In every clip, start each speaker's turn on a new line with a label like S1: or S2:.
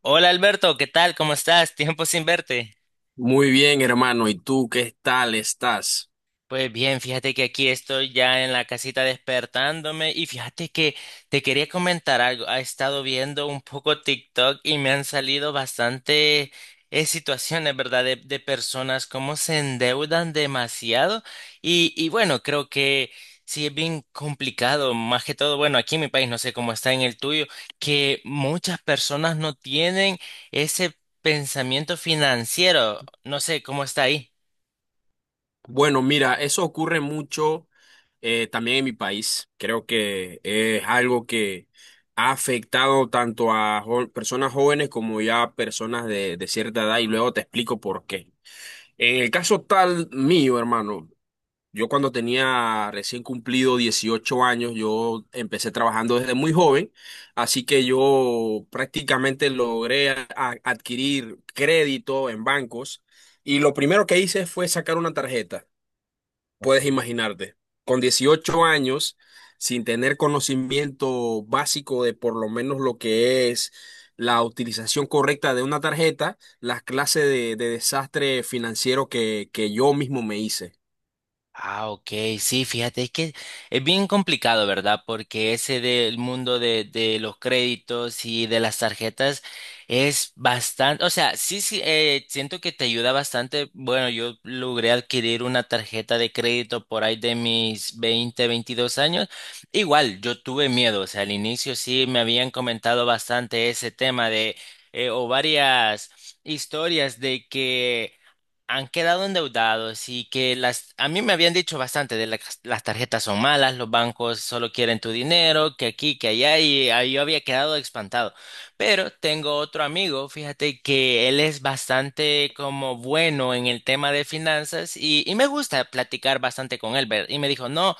S1: Hola Alberto, ¿qué tal? ¿Cómo estás? Tiempo sin verte.
S2: Muy bien, hermano. ¿Y tú qué tal estás?
S1: Pues bien, fíjate que aquí estoy ya en la casita despertándome y fíjate que te quería comentar algo. He estado viendo un poco TikTok y me han salido bastante situaciones, ¿verdad? De personas cómo se endeudan demasiado y bueno, creo que sí es bien complicado, más que todo, bueno, aquí en mi país, no sé cómo está en el tuyo, que muchas personas no tienen ese pensamiento financiero. No sé cómo está ahí.
S2: Bueno, mira, eso ocurre mucho también en mi país. Creo que es algo que ha afectado tanto a personas jóvenes como ya a personas de cierta edad y luego te explico por qué. En el caso tal mío, hermano, yo cuando tenía recién cumplido 18 años, yo empecé trabajando desde muy joven, así que yo prácticamente logré adquirir crédito en bancos y lo primero que hice fue sacar una tarjeta, puedes imaginarte, con 18 años, sin tener conocimiento básico de por lo menos lo que es la utilización correcta de una tarjeta, las clases de desastre financiero que yo mismo me hice.
S1: Ah, ok, sí, fíjate, es que es bien complicado, ¿verdad? Porque ese del mundo de los créditos y de las tarjetas es bastante, o sea, sí, sí, siento que te ayuda bastante. Bueno, yo logré adquirir una tarjeta de crédito por ahí de mis veintidós años. Igual, yo tuve miedo, o sea, al inicio sí me habían comentado bastante ese tema de, o varias historias de que han quedado endeudados y que las, a mí me habían dicho bastante de las tarjetas son malas, los bancos solo quieren tu dinero, que aquí, que allá, y ahí yo había quedado espantado. Pero tengo otro amigo, fíjate que él es bastante como bueno en el tema de finanzas y me gusta platicar bastante con él, ¿ver? Y me dijo, no.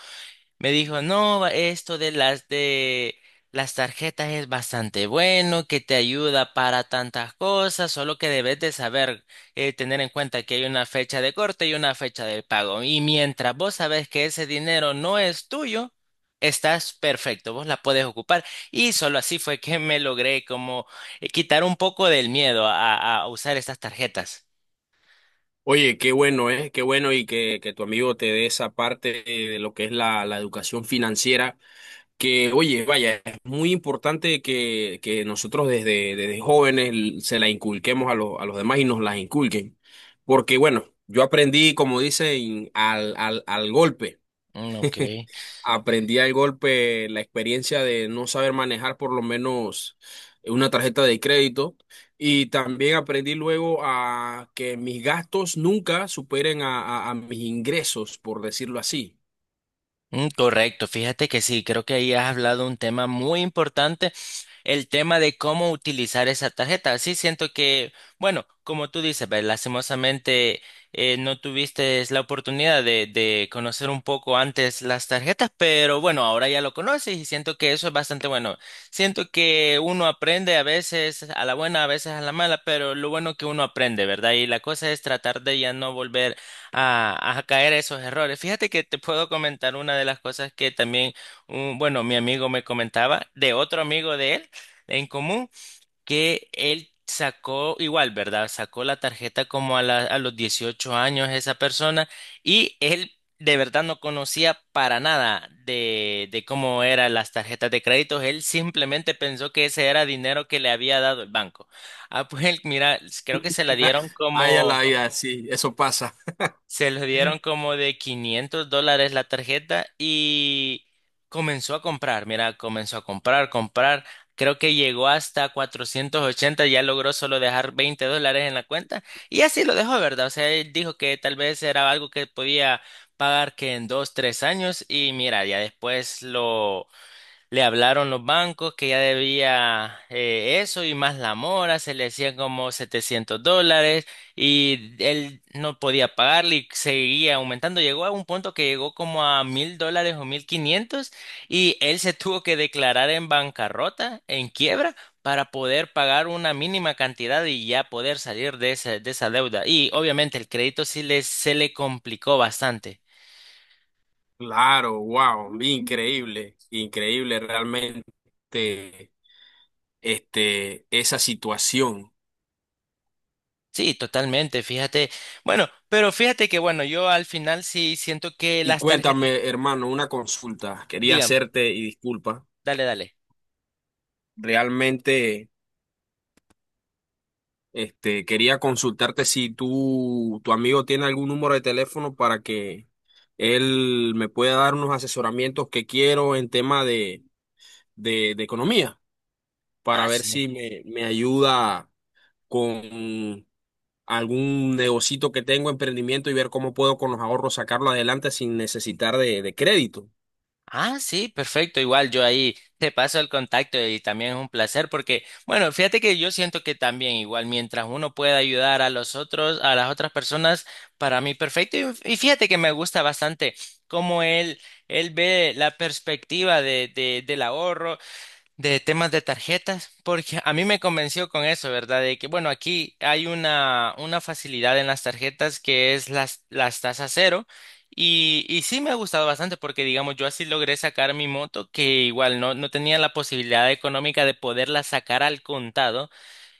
S1: Me dijo, no, esto de las tarjetas es bastante bueno, que te ayuda para tantas cosas, solo que debes de saber tener en cuenta que hay una fecha de corte y una fecha de pago. Y mientras vos sabes que ese dinero no es tuyo, estás perfecto, vos la puedes ocupar. Y solo así fue que me logré como quitar un poco del miedo a usar estas tarjetas.
S2: Oye, qué bueno, ¿eh? Qué bueno y que tu amigo te dé esa parte de lo que es la educación financiera, que, oye, vaya, es muy importante que nosotros desde jóvenes se la inculquemos a los demás y nos las inculquen. Porque, bueno, yo aprendí, como dicen, al golpe.
S1: Mm, ok.
S2: Aprendí al golpe la experiencia de no saber manejar por lo menos una tarjeta de crédito y también aprendí luego a que mis gastos nunca superen a, a mis ingresos, por decirlo así.
S1: Mm, correcto, fíjate que sí, creo que ahí has hablado un tema muy importante, el tema de cómo utilizar esa tarjeta. Sí, siento que, bueno, como tú dices, ve, lastimosamente no tuviste la oportunidad de conocer un poco antes las tarjetas, pero bueno, ahora ya lo conoces y siento que eso es bastante bueno. Siento que uno aprende a veces a la buena, a veces a la mala, pero lo bueno que uno aprende, ¿verdad? Y la cosa es tratar de ya no volver a caer a esos errores. Fíjate que te puedo comentar una de las cosas que también, bueno, mi amigo me comentaba de otro amigo de él en común, que él sacó igual, ¿verdad? Sacó la tarjeta como a los 18 años esa persona y él... De verdad no conocía para nada de, de cómo eran las tarjetas de crédito. Él simplemente pensó que ese era dinero que le había dado el banco. Ah, pues él, mira, creo que se la dieron
S2: Ay, a la
S1: como...
S2: vida, sí, eso pasa.
S1: Se los dieron como de $500 la tarjeta y comenzó a comprar. Mira, comenzó a comprar, comprar. Creo que llegó hasta 480 ya logró solo dejar $20 en la cuenta y así lo dejó, ¿verdad? O sea, él dijo que tal vez era algo que podía pagar que en dos, tres años y mira, ya después lo... Le hablaron los bancos que ya debía eso y más la mora, se le hacían como $700 y él no podía pagarle y seguía aumentando. Llegó a un punto que llegó como a $1,000 o 1,500 y él se tuvo que declarar en bancarrota, en quiebra, para poder pagar una mínima cantidad y ya poder salir de esa deuda. Y obviamente el crédito sí se le complicó bastante.
S2: Claro, wow, increíble, increíble realmente este, esa situación.
S1: Sí, totalmente, fíjate. Bueno, pero fíjate que bueno, yo al final sí siento que
S2: Y
S1: las tarjetas,
S2: cuéntame, hermano, una consulta. Quería
S1: dígame,
S2: hacerte, y disculpa,
S1: dale, dale.
S2: realmente... Este, quería consultarte si tú, tu amigo tiene algún número de teléfono para que él me pueda dar unos asesoramientos que quiero en tema de economía, para
S1: Ah,
S2: ver
S1: sí.
S2: si me ayuda con algún negocito que tengo, emprendimiento y ver cómo puedo con los ahorros sacarlo adelante sin necesitar de crédito.
S1: Ah, sí, perfecto. Igual yo ahí te paso el contacto y también es un placer porque, bueno, fíjate que yo siento que también igual mientras uno pueda ayudar a los otros, a las otras personas, para mí perfecto. Y fíjate que me gusta bastante cómo él ve la perspectiva del ahorro de temas de tarjetas, porque a mí me convenció con eso, ¿verdad? De que, bueno, aquí hay una facilidad en las tarjetas que es las tasas cero. Y sí me ha gustado bastante porque, digamos, yo así logré sacar mi moto, que igual no, no tenía la posibilidad económica de poderla sacar al contado.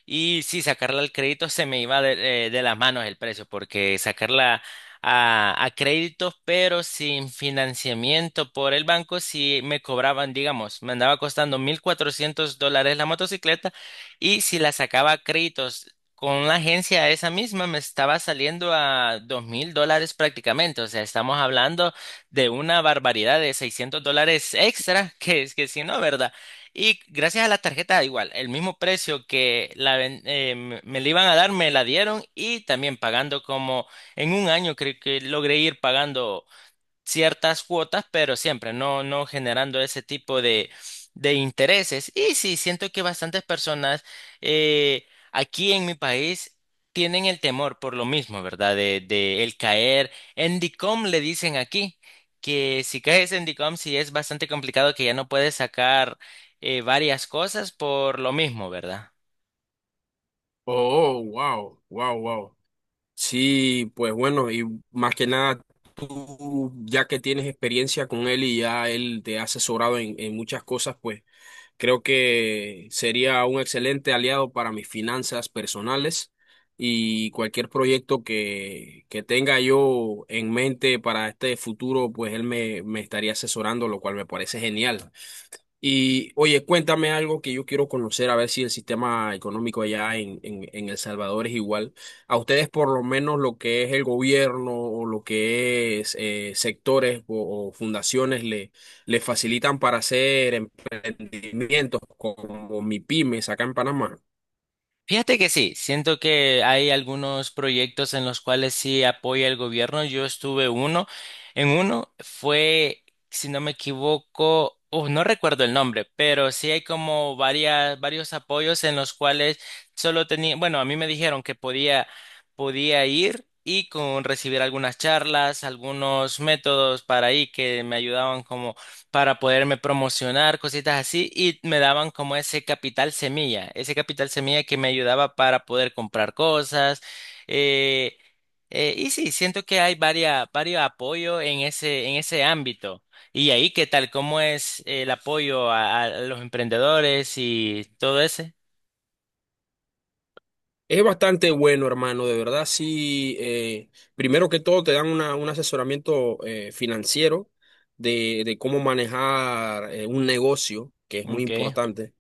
S1: Y sí, sacarla al crédito se me iba de las manos el precio, porque sacarla a créditos, pero sin financiamiento por el banco, si me cobraban, digamos, me andaba costando $1,400 la motocicleta, y si la sacaba a créditos con la agencia esa misma, me estaba saliendo a $2,000 prácticamente. O sea, estamos hablando de una barbaridad de $600 extra, que es que si no, ¿verdad? Y gracias a la tarjeta, igual, el mismo precio que la, ven- me me la iban a dar, me la dieron y también pagando como en un año, creo que logré ir pagando ciertas cuotas, pero siempre no, no generando ese tipo de intereses. Y sí, siento que bastantes personas eh, aquí en mi país tienen el temor por lo mismo, ¿verdad? De el caer en DICOM, le dicen aquí, que si caes en DICOM, sí es bastante complicado que ya no puedes sacar varias cosas por lo mismo, ¿verdad?
S2: Oh, wow, wow, wow. Sí, pues bueno, y más que nada, tú ya que tienes experiencia con él y ya él te ha asesorado en muchas cosas, pues creo que sería un excelente aliado para mis finanzas personales y cualquier proyecto que tenga yo en mente para este futuro, pues él me estaría asesorando, lo cual me parece genial. Y oye, cuéntame algo que yo quiero conocer, a ver si el sistema económico allá en El Salvador es igual. A ustedes por lo menos lo que es el gobierno o lo que es sectores o fundaciones le facilitan para hacer emprendimientos como MIPYMES acá en Panamá.
S1: Fíjate que sí, siento que hay algunos proyectos en los cuales sí apoya el gobierno. Yo estuve uno, en uno fue, si no me equivoco, no recuerdo el nombre, pero sí hay como varias, varios apoyos en los cuales solo tenía, bueno, a mí me dijeron que podía ir y con recibir algunas charlas, algunos métodos para ahí que me ayudaban para poderme promocionar, cositas así, y me daban como ese capital semilla que me ayudaba para poder comprar cosas. eh, y sí, siento que hay varias, varios apoyos en ese ámbito. Y ahí, ¿qué tal? ¿Cómo es el apoyo a los emprendedores y todo ese?
S2: Es bastante bueno, hermano, de verdad, sí. Primero que todo te dan un asesoramiento financiero de cómo manejar un negocio, que es muy
S1: Okay.
S2: importante.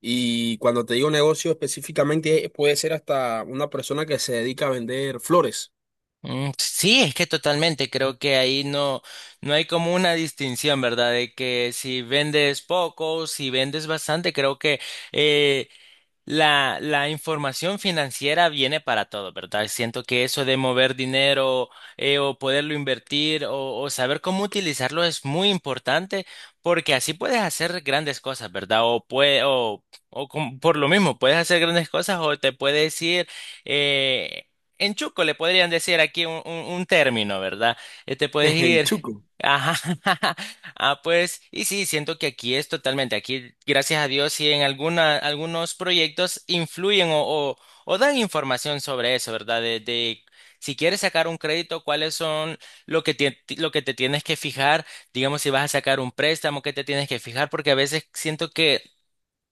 S2: Y cuando te digo negocio específicamente, puede ser hasta una persona que se dedica a vender flores
S1: Mm, sí, es que totalmente. Creo que ahí no, no hay como una distinción, ¿verdad? De que si vendes poco, si vendes bastante, creo que eh, la información financiera viene para todo, ¿verdad? Siento que eso de mover dinero o poderlo invertir o saber cómo utilizarlo es muy importante porque así puedes hacer grandes cosas, ¿verdad? O, pue- o com- por lo mismo, puedes hacer grandes cosas o te puedes ir eh, en chuco, le podrían decir aquí un término, ¿verdad? Te puedes
S2: en
S1: ir,
S2: Chuco.
S1: ajá, Ah, pues, y sí, siento que aquí es totalmente, aquí, gracias a Dios, sí en alguna, algunos proyectos influyen o dan información sobre eso, ¿verdad? De si quieres sacar un crédito, cuáles son lo que te tienes que fijar, digamos, si vas a sacar un préstamo, qué te tienes que fijar, porque a veces siento que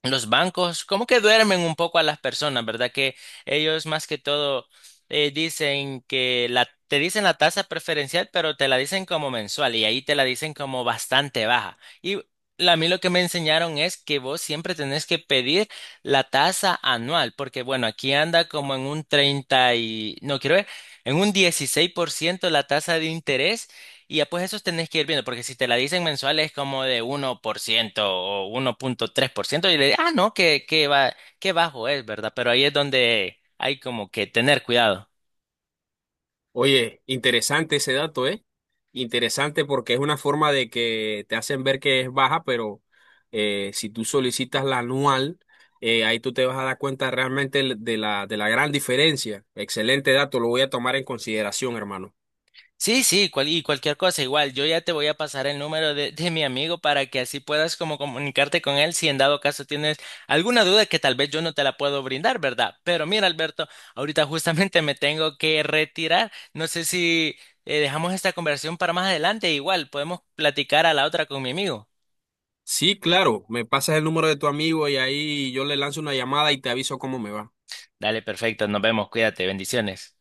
S1: los bancos, como que duermen un poco a las personas, ¿verdad? Que ellos más que todo dicen que te dicen la tasa preferencial, pero te la dicen como mensual y ahí te la dicen como bastante baja. Y a mí lo que me enseñaron es que vos siempre tenés que pedir la tasa anual, porque bueno, aquí anda como en un no quiero ver, en un 16% la tasa de interés. Y ya pues esos tenés que ir viendo, porque si te la dicen mensual es como de 1% o 1.3% y le ah, no, que, va, qué bajo es, ¿verdad? Pero ahí es donde hay como que tener cuidado.
S2: Oye, interesante ese dato, ¿eh? Interesante porque es una forma de que te hacen ver que es baja, pero si tú solicitas la anual, ahí tú te vas a dar cuenta realmente de de la gran diferencia. Excelente dato, lo voy a tomar en consideración, hermano.
S1: Sí, sí, y cualquier cosa, igual, yo ya te voy a pasar el número de mi amigo para que así puedas como comunicarte con él si en dado caso tienes alguna duda que tal vez yo no te la puedo brindar, ¿verdad? Pero mira, Alberto, ahorita justamente me tengo que retirar. No sé si dejamos esta conversación para más adelante, igual podemos platicar a la otra con mi amigo.
S2: Sí, claro, me pasas el número de tu amigo y ahí yo le lanzo una llamada y te aviso cómo me va.
S1: Dale, perfecto, nos vemos, cuídate, bendiciones.